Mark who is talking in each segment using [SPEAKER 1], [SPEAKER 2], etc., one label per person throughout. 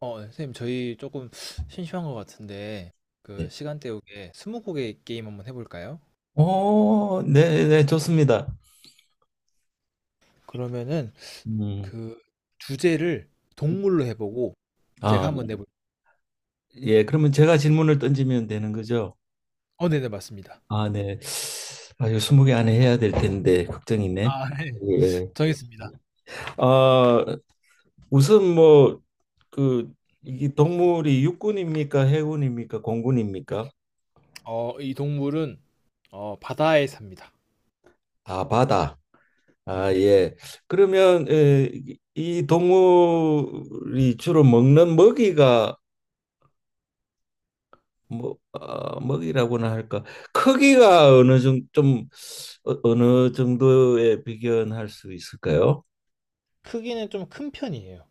[SPEAKER 1] 네, 선생님, 저희 조금 심심한 것 같은데,
[SPEAKER 2] 네.
[SPEAKER 1] 시간 때우기에 스무고개 게임 한번 해볼까요?
[SPEAKER 2] 네, 네, 좋습니다.
[SPEAKER 1] 그러면은,
[SPEAKER 2] 음,
[SPEAKER 1] 그, 주제를 동물로 해보고, 제가
[SPEAKER 2] 아,
[SPEAKER 1] 한번 내볼,
[SPEAKER 2] 예, 그러면 제가 질문을 던지면 되는 거죠?
[SPEAKER 1] 네네, 맞습니다.
[SPEAKER 2] 아, 네. 아, 이거 20개 안에 해야 될 텐데, 걱정이네.
[SPEAKER 1] 아, 네.
[SPEAKER 2] 예.
[SPEAKER 1] 정했습니다.
[SPEAKER 2] 아, 우선 뭐, 그, 이게 동물이 육군입니까? 해군입니까? 공군입니까?
[SPEAKER 1] 이 동물은, 바다에 삽니다.
[SPEAKER 2] 아, 바다.
[SPEAKER 1] 네.
[SPEAKER 2] 아, 예. 그러면 이 동물이 주로 먹는 먹이가 뭐 먹이라고나 할까 크기가 어느 정도 좀 어느 정도에 비견할 수 있을까요?
[SPEAKER 1] 크기는 좀 큰 편이에요.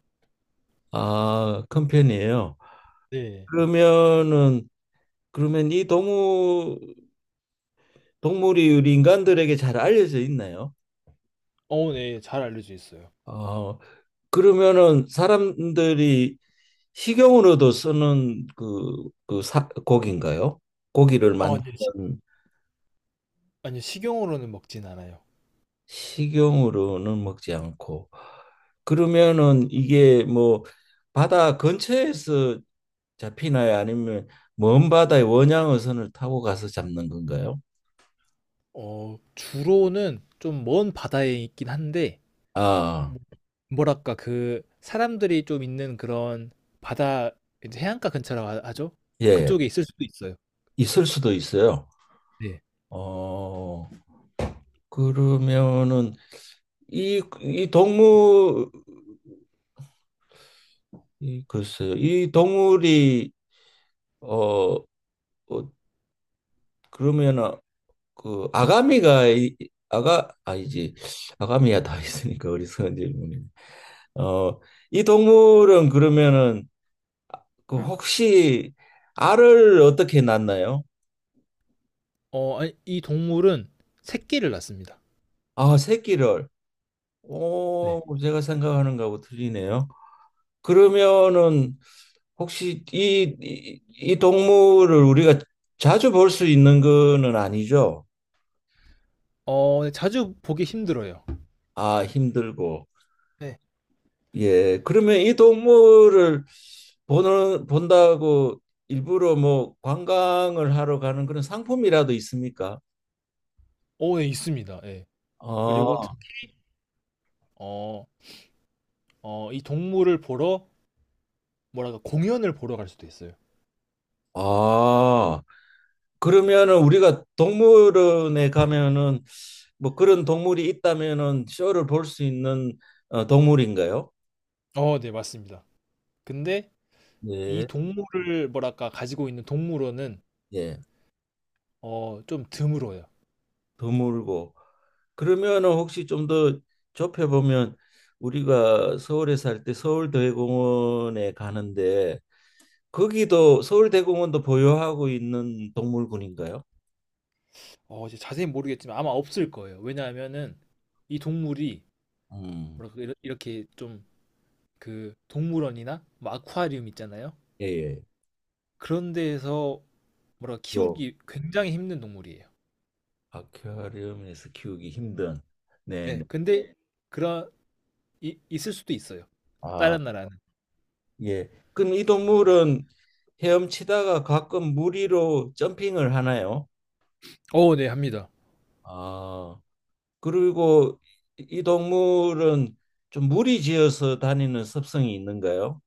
[SPEAKER 2] 아, 큰 편이에요.
[SPEAKER 1] 네.
[SPEAKER 2] 그러면은 그러면 이 동물 동물이 우리 인간들에게 잘 알려져 있나요?
[SPEAKER 1] 네, 잘 알려져 있어요.
[SPEAKER 2] 어, 그러면은 사람들이 식용으로도 쓰는 그, 고기인가요? 고기를
[SPEAKER 1] 아니요,
[SPEAKER 2] 만드는
[SPEAKER 1] 아니요, 식용으로는 먹진 않아요.
[SPEAKER 2] 식용으로는 먹지 않고 그러면은 이게 뭐 바다 근처에서 잡히나요? 아니면 먼 바다의 원양어선을 타고 가서 잡는 건가요?
[SPEAKER 1] 주로는 좀 먼 바다에 있긴 한데,
[SPEAKER 2] 아,
[SPEAKER 1] 뭐- 뭐랄까 그 사람들이 좀 있는 그런 바다 이제 해안가 근처라고 하죠?
[SPEAKER 2] 예,
[SPEAKER 1] 그쪽에 있을 수도 있어요.
[SPEAKER 2] 있을 수도 있어요.
[SPEAKER 1] 네.
[SPEAKER 2] 어, 그러면은 이, 이 동물, 이, 글쎄요, 이 동물이 어, 어 그러면은 그 아가미가 아가 아니지 아가미야 다 있으니까 어리석은 질문이 어, 이 동물은 그러면은 그 혹시 알을 어떻게 낳나요?
[SPEAKER 1] 아니, 이 동물은 새끼를 낳습니다.
[SPEAKER 2] 아, 새끼를. 오,
[SPEAKER 1] 네.
[SPEAKER 2] 제가 생각하는 거하고 틀리네요. 그러면은 혹시 이 동물을 우리가 자주 볼 수 있는 거는 아니죠?
[SPEAKER 1] 네, 자주 보기 힘들어요.
[SPEAKER 2] 아, 힘들고.
[SPEAKER 1] 네.
[SPEAKER 2] 예. 그러면 이 동물을 본다고 일부러 뭐 관광을 하러 가는 그런 상품이라도 있습니까?
[SPEAKER 1] 예, 있습니다. 예. 그리고
[SPEAKER 2] 아,
[SPEAKER 1] 어, 이 동물을 보러 뭐랄까 공연을 보러 갈 수도 있어요.
[SPEAKER 2] 아. 그러면은 우리가 동물원에 가면은 뭐 그런 동물이 있다면은 쇼를 볼 수 있는 동물인가요?
[SPEAKER 1] 네, 맞습니다. 근데 이
[SPEAKER 2] 네,
[SPEAKER 1] 동물을 뭐랄까 가지고 있는 동물원은
[SPEAKER 2] 예,
[SPEAKER 1] 좀 드물어요.
[SPEAKER 2] 드물고 그러면은 혹시 좀 더 좁혀 보면 우리가 서울에 살 때 서울대공원에 가는데 거기도 서울대공원도 보유하고 있는 동물군인가요?
[SPEAKER 1] 이제 자세히 모르겠지만 아마 없을 거예요. 왜냐하면은 이 동물이
[SPEAKER 2] 음,
[SPEAKER 1] 뭐랄까 이렇게 좀 그 동물원이나 뭐 아쿠아리움 있잖아요.
[SPEAKER 2] 예, 예.
[SPEAKER 1] 그런 데에서 뭐랄까
[SPEAKER 2] 주로
[SPEAKER 1] 키우기 굉장히 힘든 동물이에요.
[SPEAKER 2] 아쿠아리움에서 키우기 힘든, 네,
[SPEAKER 1] 네,
[SPEAKER 2] 네.
[SPEAKER 1] 근데 그런 있을 수도 있어요.
[SPEAKER 2] 아,
[SPEAKER 1] 다른 나라는.
[SPEAKER 2] 예. 그럼 이 동물은 헤엄치다가 가끔 무리로 점핑을 하나요?
[SPEAKER 1] 네, 합니다.
[SPEAKER 2] 아, 그리고 이 동물은 좀 무리 지어서 다니는 습성이 있는가요?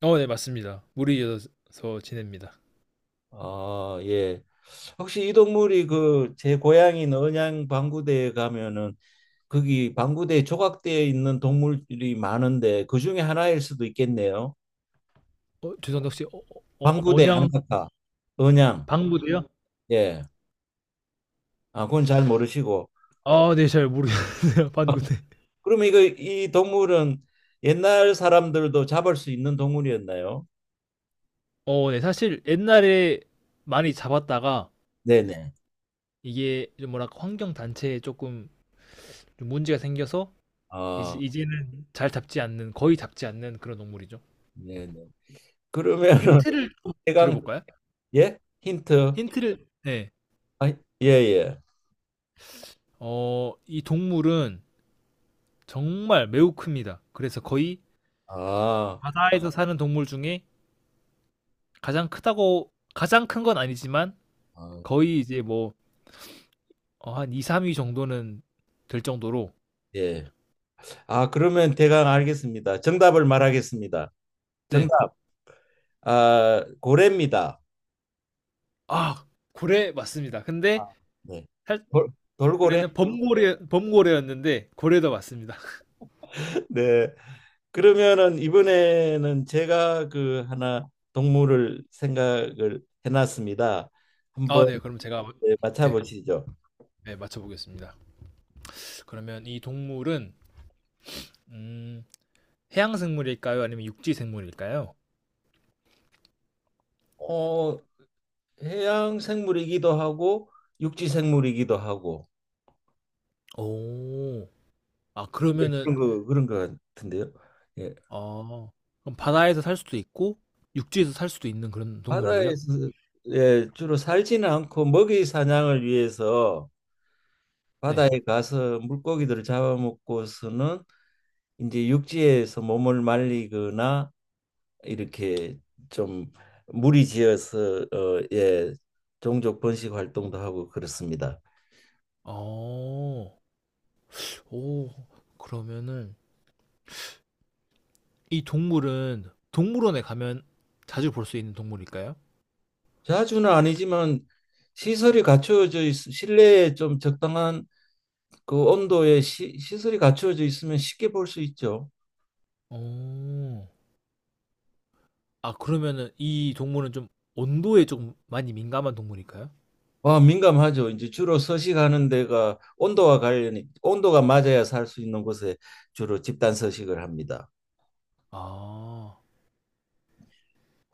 [SPEAKER 1] 네, 맞습니다. 물이 이어서 지냅니다.
[SPEAKER 2] 아, 예. 혹시 이 동물이 그 제 고향인 언양 방구대에 가면은 거기 방구대에 조각되어 있는 동물이 많은데 그 중에 하나일 수도 있겠네요.
[SPEAKER 1] 죄송한데 혹시
[SPEAKER 2] 방구대 안
[SPEAKER 1] 언양
[SPEAKER 2] 타까 언양.
[SPEAKER 1] 방구대요?
[SPEAKER 2] 예. 아, 그건 잘 모르시고.
[SPEAKER 1] 아, 네, 잘 모르겠네요. 방구대.
[SPEAKER 2] 그러면 이거 이 동물은 옛날 사람들도 잡을 수 있는 동물이었나요?
[SPEAKER 1] 네, 사실 옛날에 많이 잡았다가
[SPEAKER 2] 네네.
[SPEAKER 1] 이게 좀 뭐랄까 환경 단체에 조금 좀 문제가 생겨서 이제
[SPEAKER 2] 아,
[SPEAKER 1] 이제는 잘 잡지 않는 거의 잡지 않는 그런 동물이죠.
[SPEAKER 2] 네네.
[SPEAKER 1] 좀
[SPEAKER 2] 그러면은
[SPEAKER 1] 힌트를 좀 드려
[SPEAKER 2] 해강
[SPEAKER 1] 볼까요?
[SPEAKER 2] 예? 힌트.
[SPEAKER 1] 힌트를 네.
[SPEAKER 2] 아, 예, 예.
[SPEAKER 1] 이 동물은 정말 매우 큽니다. 그래서 거의
[SPEAKER 2] 아,
[SPEAKER 1] 바다에서 사는 동물 중에 가장 크다고 가장 큰 건 아니지만
[SPEAKER 2] 아,
[SPEAKER 1] 거의 이제 뭐 한 2-3위 정도는 될 정도로.
[SPEAKER 2] 예. 아, 그러면 대강 알겠습니다. 정답을 말하겠습니다.
[SPEAKER 1] 네.
[SPEAKER 2] 정답. 아, 고래입니다.
[SPEAKER 1] 아 고래 맞습니다.
[SPEAKER 2] 아,
[SPEAKER 1] 근데
[SPEAKER 2] 네.
[SPEAKER 1] 살
[SPEAKER 2] 돌, 돌고래?
[SPEAKER 1] 원래는 범고래였는데 고래도 맞습니다.
[SPEAKER 2] 네. 그러면은 이번에는 제가 그 하나 동물을 생각을 해놨습니다. 한번
[SPEAKER 1] 네. 그럼 제가
[SPEAKER 2] 네,
[SPEAKER 1] 네.
[SPEAKER 2] 맞춰보시죠.
[SPEAKER 1] 네 맞춰 보겠습니다. 그러면 이 동물은 음 해양 생물일까요? 아니면 육지 생물일까요?
[SPEAKER 2] 어, 해양 생물이기도 하고 육지 생물이기도 하고
[SPEAKER 1] 오. 아
[SPEAKER 2] 네,
[SPEAKER 1] 그러면은
[SPEAKER 2] 그런 거 같은데요. 예,
[SPEAKER 1] 어 그럼 바다에서 살 수도 있고 육지에서 살 수도 있는 그런 동물이에요?
[SPEAKER 2] 바다에서 예, 주로 살지는 않고 먹이 사냥을 위해서 바다에
[SPEAKER 1] 네.
[SPEAKER 2] 가서 물고기들을 잡아먹고서는 이제 육지에서 몸을 말리거나 이렇게 좀 무리지어서 예, 종족 번식 활동도 하고 그렇습니다.
[SPEAKER 1] 어. 오. 그러면은 이 동물은 동물원에 가면 자주 볼 수 있는 동물일까요?
[SPEAKER 2] 자주는 아니지만 실내에 좀 적당한 그 온도의 시설이 갖춰져 있으면 쉽게 볼 수 있죠.
[SPEAKER 1] 오. 아 그러면은 이 동물은 좀 온도에 좀 많이 민감한 동물일까요?
[SPEAKER 2] 와, 민감하죠. 이제 주로 서식하는 데가 온도가 맞아야 살 수 있는 곳에 주로 집단 서식을 합니다.
[SPEAKER 1] 아.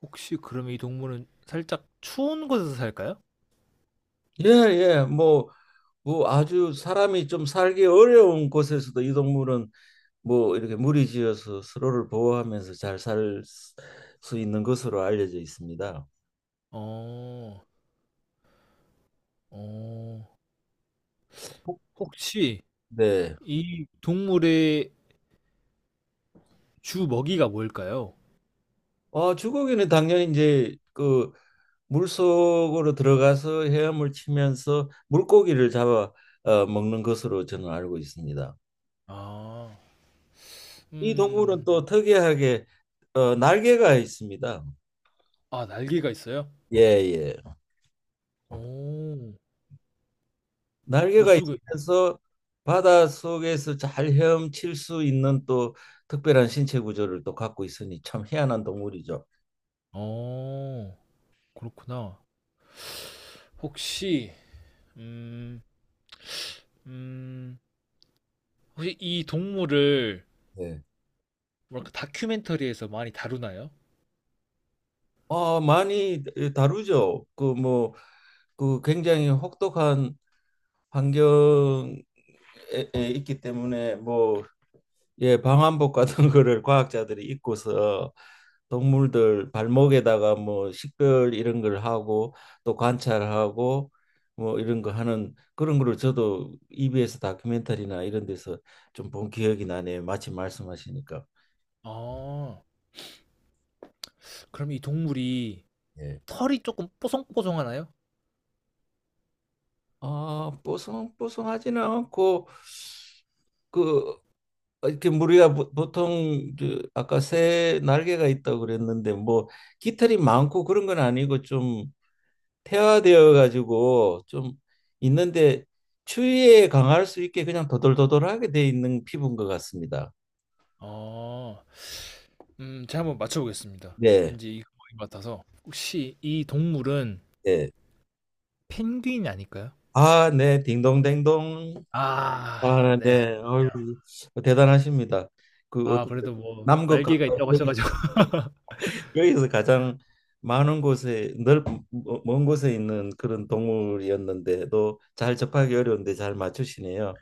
[SPEAKER 1] 혹시 그러면 이 동물은 살짝 추운 곳에서 살까요?
[SPEAKER 2] 예, 예. 뭐 아주 사람이 좀 살기 어려운 곳에서도 이 동물은 뭐 이렇게 무리지어서 서로를 보호하면서 잘 살 수 있는 것으로 알려져 있습니다.
[SPEAKER 1] 어, 어, 혹시
[SPEAKER 2] 네.
[SPEAKER 1] 이 동물의 주 먹이가 뭘까요?
[SPEAKER 2] 주고기는 당연히 이제 그 물속으로 들어가서 헤엄을 치면서 물고기를 잡아 먹는 것으로 저는 알고 있습니다.
[SPEAKER 1] 아,
[SPEAKER 2] 이 동물은
[SPEAKER 1] 음,
[SPEAKER 2] 또 특이하게 날개가 있습니다.
[SPEAKER 1] 아, 날개가 있어요?
[SPEAKER 2] 예, 예.
[SPEAKER 1] 오,
[SPEAKER 2] 날개가
[SPEAKER 1] 물속에,
[SPEAKER 2] 있으면서 바닷속에서 잘 헤엄칠 수 있는 또 특별한 신체 구조를 또 갖고 있으니 참 희한한 동물이죠.
[SPEAKER 1] 어, 그렇구나. 혹시, 음, 음, 혹시 이 동물을
[SPEAKER 2] 네.
[SPEAKER 1] 뭐랄까 다큐멘터리에서 많이 다루나요?
[SPEAKER 2] 어, 많이 다루죠. 그 뭐 그 굉장히 혹독한 환경 있기 때문에 뭐 예, 방한복 같은 거를 과학자들이 입고서 동물들 발목에다가 뭐 식별 이런 걸 하고 또 관찰하고 뭐 이런 거 하는 그런 거를 저도 EBS 다큐멘터리나 이런 데서 좀 본 기억이 나네요. 마침 말씀하시니까.
[SPEAKER 1] 아, 그럼 이 동물이
[SPEAKER 2] 예.
[SPEAKER 1] 털이 조금 뽀송뽀송하나요?
[SPEAKER 2] 아, 뽀송 뽀송하지는 않고 그 이렇게 우리가 보통 그 아까 새 날개가 있다고 그랬는데 뭐 깃털이 많고 그런 건 아니고 좀 태화되어 가지고 좀 있는데 추위에 강할 수 있게 그냥 도돌도돌하게 돼 있는 피부인 것 같습니다.
[SPEAKER 1] 아, 제가 한번 맞춰보겠습니다.
[SPEAKER 2] 네,
[SPEAKER 1] 왠지 이거인 같아서. 혹시 이 동물은
[SPEAKER 2] 네.
[SPEAKER 1] 펭귄이 아닐까요?
[SPEAKER 2] 아, 네, 딩동댕동.
[SPEAKER 1] 아,
[SPEAKER 2] 아,
[SPEAKER 1] 네.
[SPEAKER 2] 네, 아이고 대단하십니다. 그
[SPEAKER 1] 아,
[SPEAKER 2] 어떻게
[SPEAKER 1] 그래도 뭐
[SPEAKER 2] 남극
[SPEAKER 1] 날개가
[SPEAKER 2] 가까이
[SPEAKER 1] 있다고 하셔가지고.
[SPEAKER 2] 여기서 가장 많은 곳에 넓먼 곳에 있는 그런 동물이었는데도 잘 접하기 어려운데 잘 맞추시네요.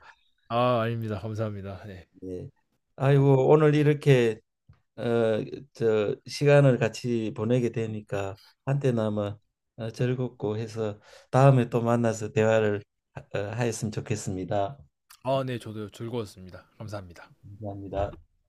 [SPEAKER 1] 아, 아닙니다. 감사합니다. 네.
[SPEAKER 2] 예. 아이고 오늘 이렇게 어, 저 시간을 같이 보내게 되니까 한때나마 즐겁고 해서 다음에 또 만나서 대화를 하였으면 좋겠습니다.
[SPEAKER 1] 아, 네, 저도 즐거웠습니다. 감사합니다.
[SPEAKER 2] 감사합니다.